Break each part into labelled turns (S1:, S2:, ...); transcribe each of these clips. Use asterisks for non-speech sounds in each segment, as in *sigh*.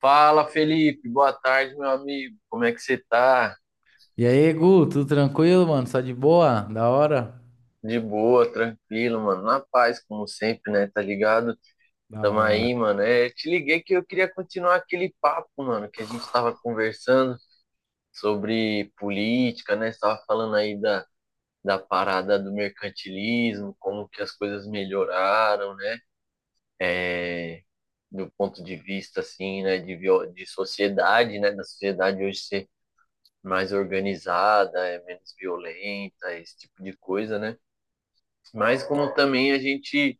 S1: Fala, Felipe. Boa tarde, meu amigo. Como é que você tá?
S2: E aí, Gu, tudo tranquilo, mano? Só de boa? Da hora?
S1: De boa, tranquilo, mano. Na paz, como sempre, né? Tá ligado?
S2: Da
S1: Tamo
S2: hora.
S1: aí, mano. Te liguei que eu queria continuar aquele papo, mano, que a gente tava conversando sobre política, né? Você tava falando aí da parada do mercantilismo, como que as coisas melhoraram, né? É, do ponto de vista, assim, né? De, de sociedade, né? Da sociedade hoje mais organizada, é menos violenta, esse tipo de coisa, né? Mas como também a gente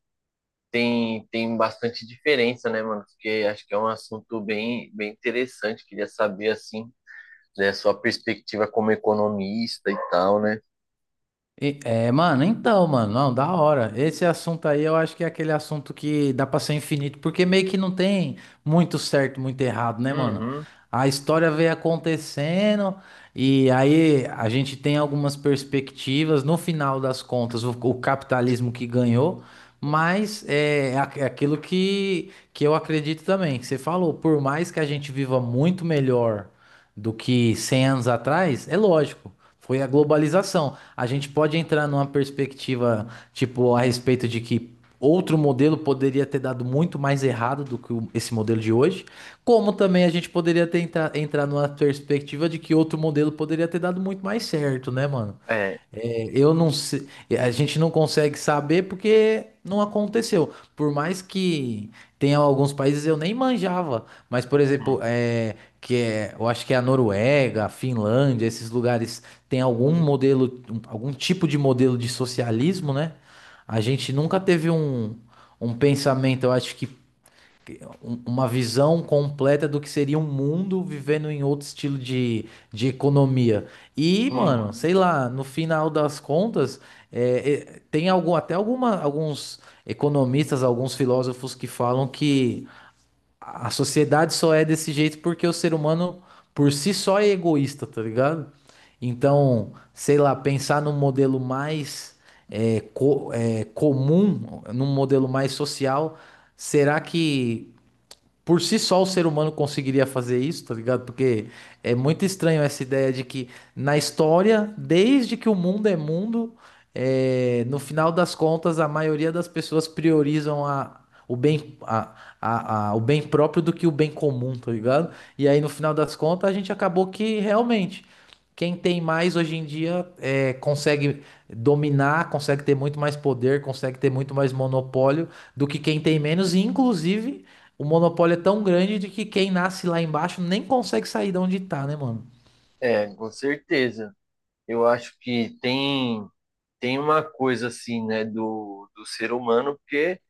S1: tem bastante diferença, né, mano? Porque acho que é um assunto bem interessante, queria saber, assim, né, sua perspectiva como economista e tal, né?
S2: E- É, mano, então, mano, não, da hora. Esse assunto aí eu acho que é aquele assunto que dá pra ser infinito, porque meio que não tem muito certo, muito errado, né, mano?
S1: Uhum.
S2: A história veio acontecendo e aí a gente tem algumas perspectivas. No final das contas, o capitalismo que ganhou, mas é aquilo que eu acredito também, que você falou, por mais que a gente viva muito melhor do que 100 anos atrás, é lógico, foi a globalização a gente pode entrar numa perspectiva, tipo, a respeito de que outro modelo poderia ter dado muito mais errado do que esse modelo de hoje, como também a gente poderia tentar entrar numa perspectiva de que outro modelo poderia ter dado muito mais certo, né, mano?
S1: É,
S2: É, eu não sei, a gente não consegue saber porque não aconteceu. Por mais que tenha alguns países eu nem manjava, mas por exemplo, eu acho que é a Noruega, a Finlândia, esses lugares têm algum modelo, algum tipo de modelo de socialismo, né? A gente nunca teve um pensamento, eu acho que uma visão completa do que seria um mundo vivendo em outro estilo de economia. E, mano,
S1: uhum.
S2: sei lá, no final das contas, tem algum, até alguma, alguns economistas, alguns filósofos que falam que a sociedade só é desse jeito porque o ser humano por si só é egoísta, tá ligado? Então, sei lá, pensar num modelo mais comum, num modelo mais social, será que por si só o ser humano conseguiria fazer isso, tá ligado? Porque é muito estranho essa ideia de que na história, desde que o mundo, é, no final das contas, a maioria das pessoas priorizam o bem, o bem próprio do que o bem comum, tá ligado? E aí, no final das contas, a gente acabou que realmente. Quem tem mais hoje em dia é, consegue dominar, consegue ter muito mais poder, consegue ter muito mais monopólio do que quem tem menos. E, inclusive, o monopólio é tão grande de que quem nasce lá embaixo nem consegue sair de onde tá, né, mano?
S1: É, com certeza. Eu acho que tem uma coisa, assim, né, do, do ser humano, porque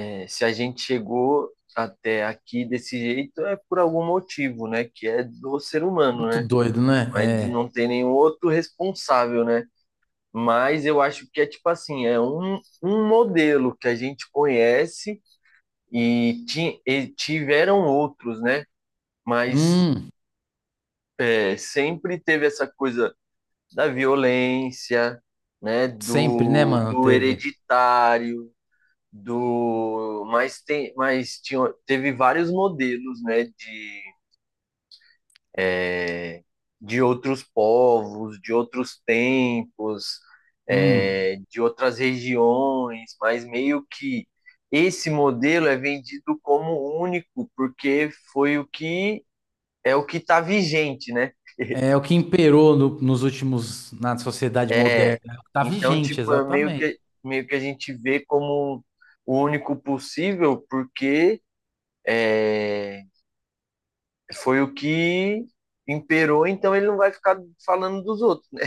S1: Se a gente chegou até aqui desse jeito é por algum motivo, né? Que é do ser humano,
S2: Muito
S1: né?
S2: doido, né?
S1: Mas de
S2: É.
S1: não ter nenhum outro responsável, né? Mas eu acho que é tipo assim, é um modelo que a gente conhece e tiveram outros, né? Mas
S2: Hum,
S1: é, sempre teve essa coisa da violência, né?
S2: sempre, né,
S1: Do,
S2: mano?
S1: do
S2: Teve.
S1: hereditário, do teve vários modelos, né, de é, de outros povos, de outros tempos,
S2: Hum.
S1: é, de outras regiões, mas meio que esse modelo é vendido como único porque foi o que é o que está vigente, né?
S2: É o que imperou nos últimos, na sociedade
S1: É,
S2: moderna. É o que tá
S1: então
S2: vigente,
S1: tipo é
S2: exatamente.
S1: meio que a gente vê como o único possível porque é, foi o que imperou, então ele não vai ficar falando dos outros, né?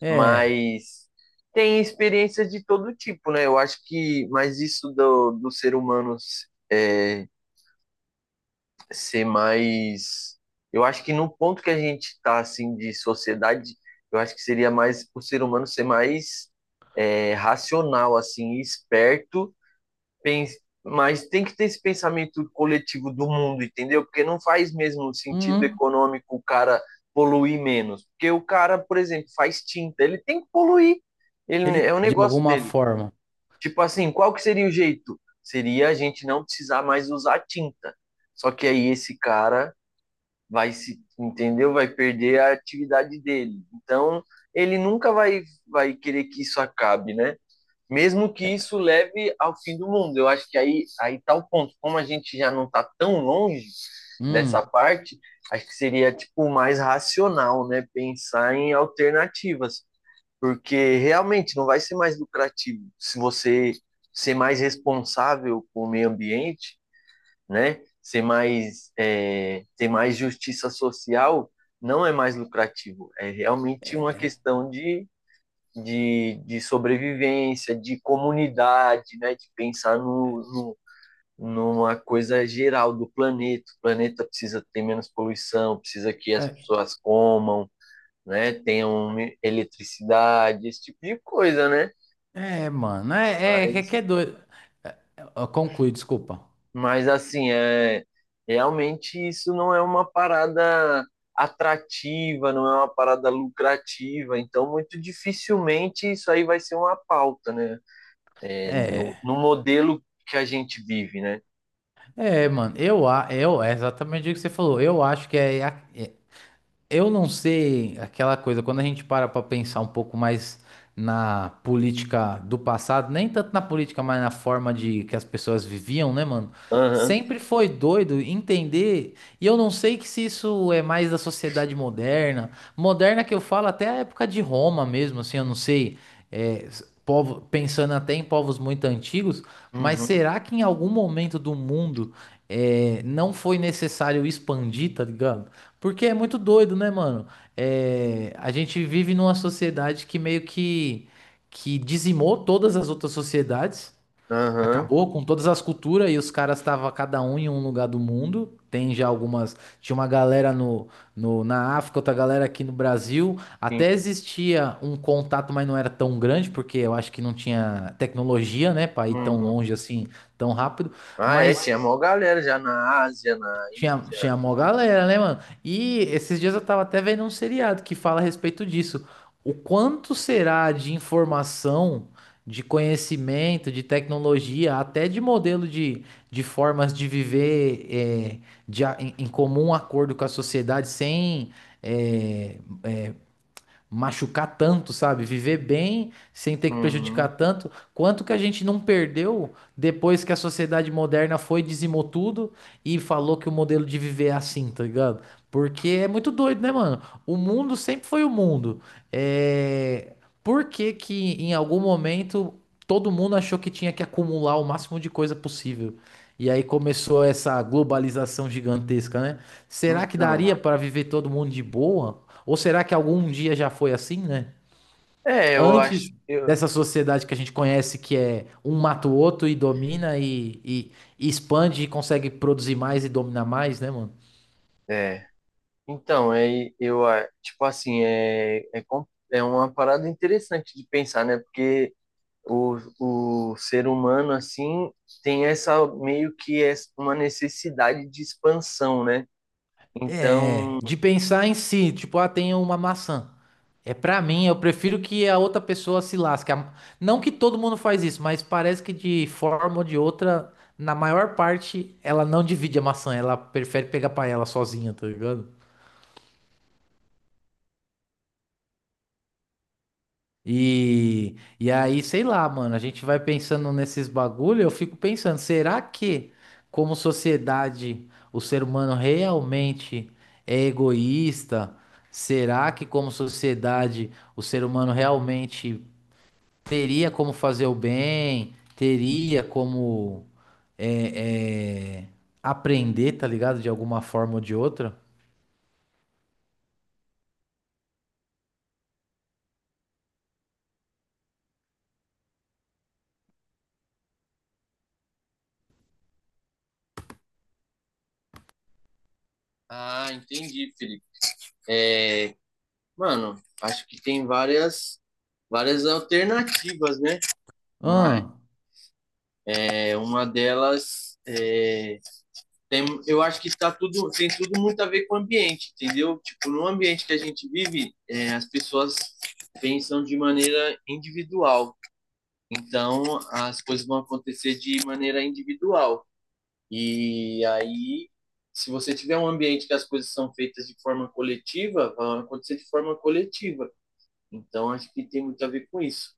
S2: É.
S1: Mas tem experiências de todo tipo, né? Eu acho que, mas isso do, do ser humano é, ser mais. Eu acho que no ponto que a gente está assim, de sociedade, eu acho que seria mais o ser humano ser mais é, racional, assim, esperto, pens- mas tem que ter esse pensamento coletivo do mundo, entendeu? Porque não faz mesmo sentido
S2: Hum.
S1: econômico o cara poluir menos. Porque o cara, por exemplo, faz tinta, ele tem que poluir. Ele, é
S2: Ele,
S1: o
S2: de
S1: negócio
S2: alguma
S1: dele.
S2: forma.
S1: Tipo assim, qual que seria o jeito? Seria a gente não precisar mais usar tinta. Só que aí esse cara vai se, entendeu? Vai perder a atividade dele. Então, ele nunca vai, vai querer que isso acabe, né? Mesmo que isso leve ao fim do mundo. Eu acho que aí tá o ponto. Como a gente já não está tão longe dessa
S2: Hum.
S1: parte, acho que seria tipo mais racional, né, pensar em alternativas, porque realmente não vai ser mais lucrativo se você ser mais responsável com o meio ambiente, né? Ser mais é, ter mais justiça social não é mais lucrativo. É realmente uma questão de de sobrevivência, de comunidade, né? De pensar no, no, numa coisa geral do planeta. O planeta precisa ter menos poluição, precisa que as pessoas comam, né? Tenham eletricidade, esse tipo de coisa, né?
S2: Mano, é que é
S1: Mas,
S2: doido. É, Conclui, desculpa.
S1: mas assim, é, realmente isso não é uma parada atrativa, não é uma parada lucrativa, então muito dificilmente isso aí vai ser uma pauta, né? É,
S2: É,
S1: no modelo que a gente vive, né?
S2: mano, eu, é exatamente o que você falou. Eu acho que é, a- é, Eu não sei aquela coisa, quando a gente para para pensar um pouco mais na política do passado, nem tanto na política, mas na forma de que as pessoas viviam, né, mano?
S1: Aham,
S2: Sempre foi doido entender, e eu não sei que se isso é mais da sociedade moderna, moderna que eu falo até a época de Roma mesmo, assim, eu não sei, povo, pensando até em povos muito antigos, mas
S1: uhum,
S2: será que em algum momento do mundo não foi necessário expandir, tá ligado? Porque é muito doido, né, mano? É, a gente vive numa sociedade que dizimou todas as outras sociedades,
S1: aham,
S2: acabou com todas as culturas e os caras estavam cada um em um lugar do mundo. Tem já algumas. Tinha uma galera no, no, na África, outra galera aqui no Brasil. Até
S1: sim.
S2: existia um contato, mas não era tão grande, porque eu acho que não tinha tecnologia, né, pra ir tão
S1: Uhum.
S2: longe assim, tão rápido.
S1: Ah, é,
S2: Mas.
S1: tinha mó galera já na Ásia, na
S2: Tinha,
S1: Índia.
S2: tinha mó galera, né, mano? E esses dias eu tava até vendo um seriado que fala a respeito disso. O quanto será de informação, de conhecimento, de tecnologia, até de modelo de formas de viver é, de em comum acordo com a sociedade, sem é, machucar tanto, sabe? Viver bem sem ter que prejudicar
S1: Uhum.
S2: tanto. Quanto que a gente não perdeu depois que a sociedade moderna foi, dizimou tudo e falou que o modelo de viver é assim, tá ligado? Porque é muito doido, né, mano? O mundo sempre foi o mundo. É... Por que que em algum momento todo mundo achou que tinha que acumular o máximo de coisa possível? E aí começou essa globalização gigantesca, né? Será que
S1: Então,
S2: daria para viver todo mundo de boa? Ou será que algum dia já foi assim, né?
S1: é, eu acho,
S2: Antes
S1: eu,
S2: dessa sociedade que a gente conhece, que é um mata o outro e domina e expande e consegue produzir mais e dominar mais, né, mano?
S1: é. Então, é, eu, tipo assim, é uma parada interessante de pensar, né? Porque o, o ser humano, assim, tem essa, meio que é uma necessidade de expansão, né?
S2: É,
S1: Então...
S2: de pensar em si, tipo, ah, tem uma maçã. É pra mim, eu prefiro que a outra pessoa se lasque. Não que todo mundo faz isso, mas parece que de forma ou de outra, na maior parte, ela não divide a maçã, ela prefere pegar pra ela sozinha, tá ligado? E aí, sei lá, mano, a gente vai pensando nesses bagulho, eu fico pensando, será que, como sociedade, o ser humano realmente é egoísta? Será que, como sociedade, o ser humano realmente teria como fazer o bem? Teria como é, é, aprender, tá ligado? De alguma forma ou de outra?
S1: Ah, entendi, Felipe. Mano, acho que tem várias alternativas, né? Mas
S2: Ah,
S1: é, uma delas é, tem, eu acho que tá tudo, tem tudo muito a ver com o ambiente, entendeu? Tipo, no ambiente que a gente vive, é, as pessoas pensam de maneira individual. Então, as coisas vão acontecer de maneira individual. E aí, se você tiver um ambiente que as coisas são feitas de forma coletiva, vão acontecer de forma coletiva. Então, acho que tem muito a ver com isso.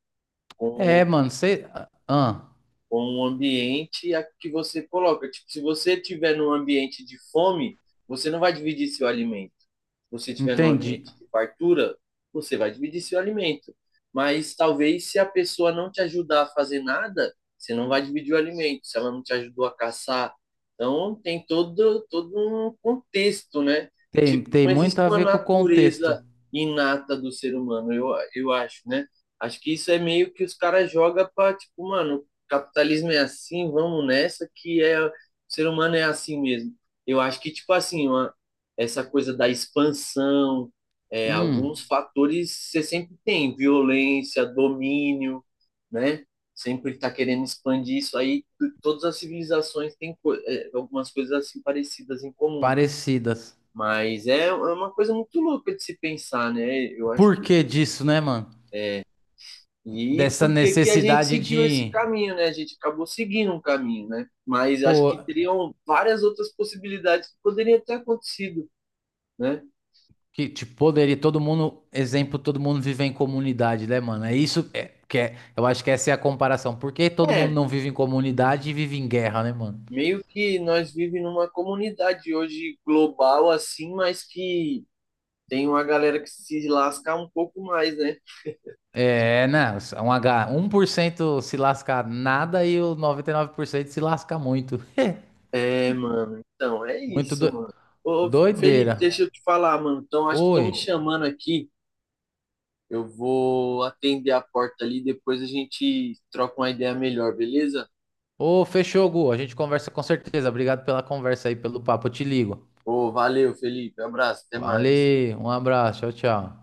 S2: é,
S1: com
S2: mano, você. Ah,
S1: com o ambiente que você coloca. Tipo, se você estiver num ambiente de fome, você não vai dividir seu alimento. Se você estiver num
S2: entendi.
S1: ambiente de fartura, você vai dividir seu alimento. Mas talvez se a pessoa não te ajudar a fazer nada, você não vai dividir o alimento, se ela não te ajudou a caçar. Então tem todo um contexto, né?
S2: Tem,
S1: Tipo,
S2: tem
S1: não
S2: muito
S1: existe
S2: a
S1: uma
S2: ver com o contexto.
S1: natureza inata do ser humano, eu acho, né? Acho que isso é meio que os caras jogam para tipo, mano, capitalismo é assim, vamos nessa, que é, o ser humano é assim mesmo. Eu acho que, tipo assim, uma, essa coisa da expansão, é, alguns
S2: Hum,
S1: fatores você sempre tem, violência, domínio, né? Sempre está querendo expandir isso aí. Todas as civilizações têm é, algumas coisas assim parecidas em comum.
S2: parecidas.
S1: Mas é uma coisa muito louca de se pensar, né? Eu acho.
S2: Por que disso, né, mano?
S1: E
S2: Dessa
S1: por que que a gente
S2: necessidade
S1: seguiu esse
S2: de,
S1: caminho, né? A gente acabou seguindo um caminho, né? Mas acho
S2: pô,
S1: que teriam várias outras possibilidades que poderiam ter acontecido, né?
S2: que tipo, poderia todo mundo, exemplo, todo mundo vive em comunidade, né, mano? Eu acho que essa é a comparação. Por que todo mundo
S1: É,
S2: não vive em comunidade e vive em guerra, né, mano?
S1: meio que nós vivemos numa comunidade hoje global assim, mas que tem uma galera que se lasca um pouco mais, né?
S2: É, né, 1% se lasca nada e o 99% se lasca muito. *laughs*
S1: É, mano. Então, é
S2: Muito
S1: isso,
S2: do,
S1: mano. Ô, Felipe,
S2: doideira.
S1: deixa eu te falar, mano. Então, acho que estão me
S2: Oi.
S1: chamando aqui. Eu vou atender a porta ali, depois a gente troca uma ideia melhor, beleza?
S2: Ô, fechou, Gu. A gente conversa com certeza. Obrigado pela conversa aí, pelo papo. Eu te ligo.
S1: Ô, valeu, Felipe. Abraço, até mais.
S2: Valeu, um abraço. Tchau, tchau.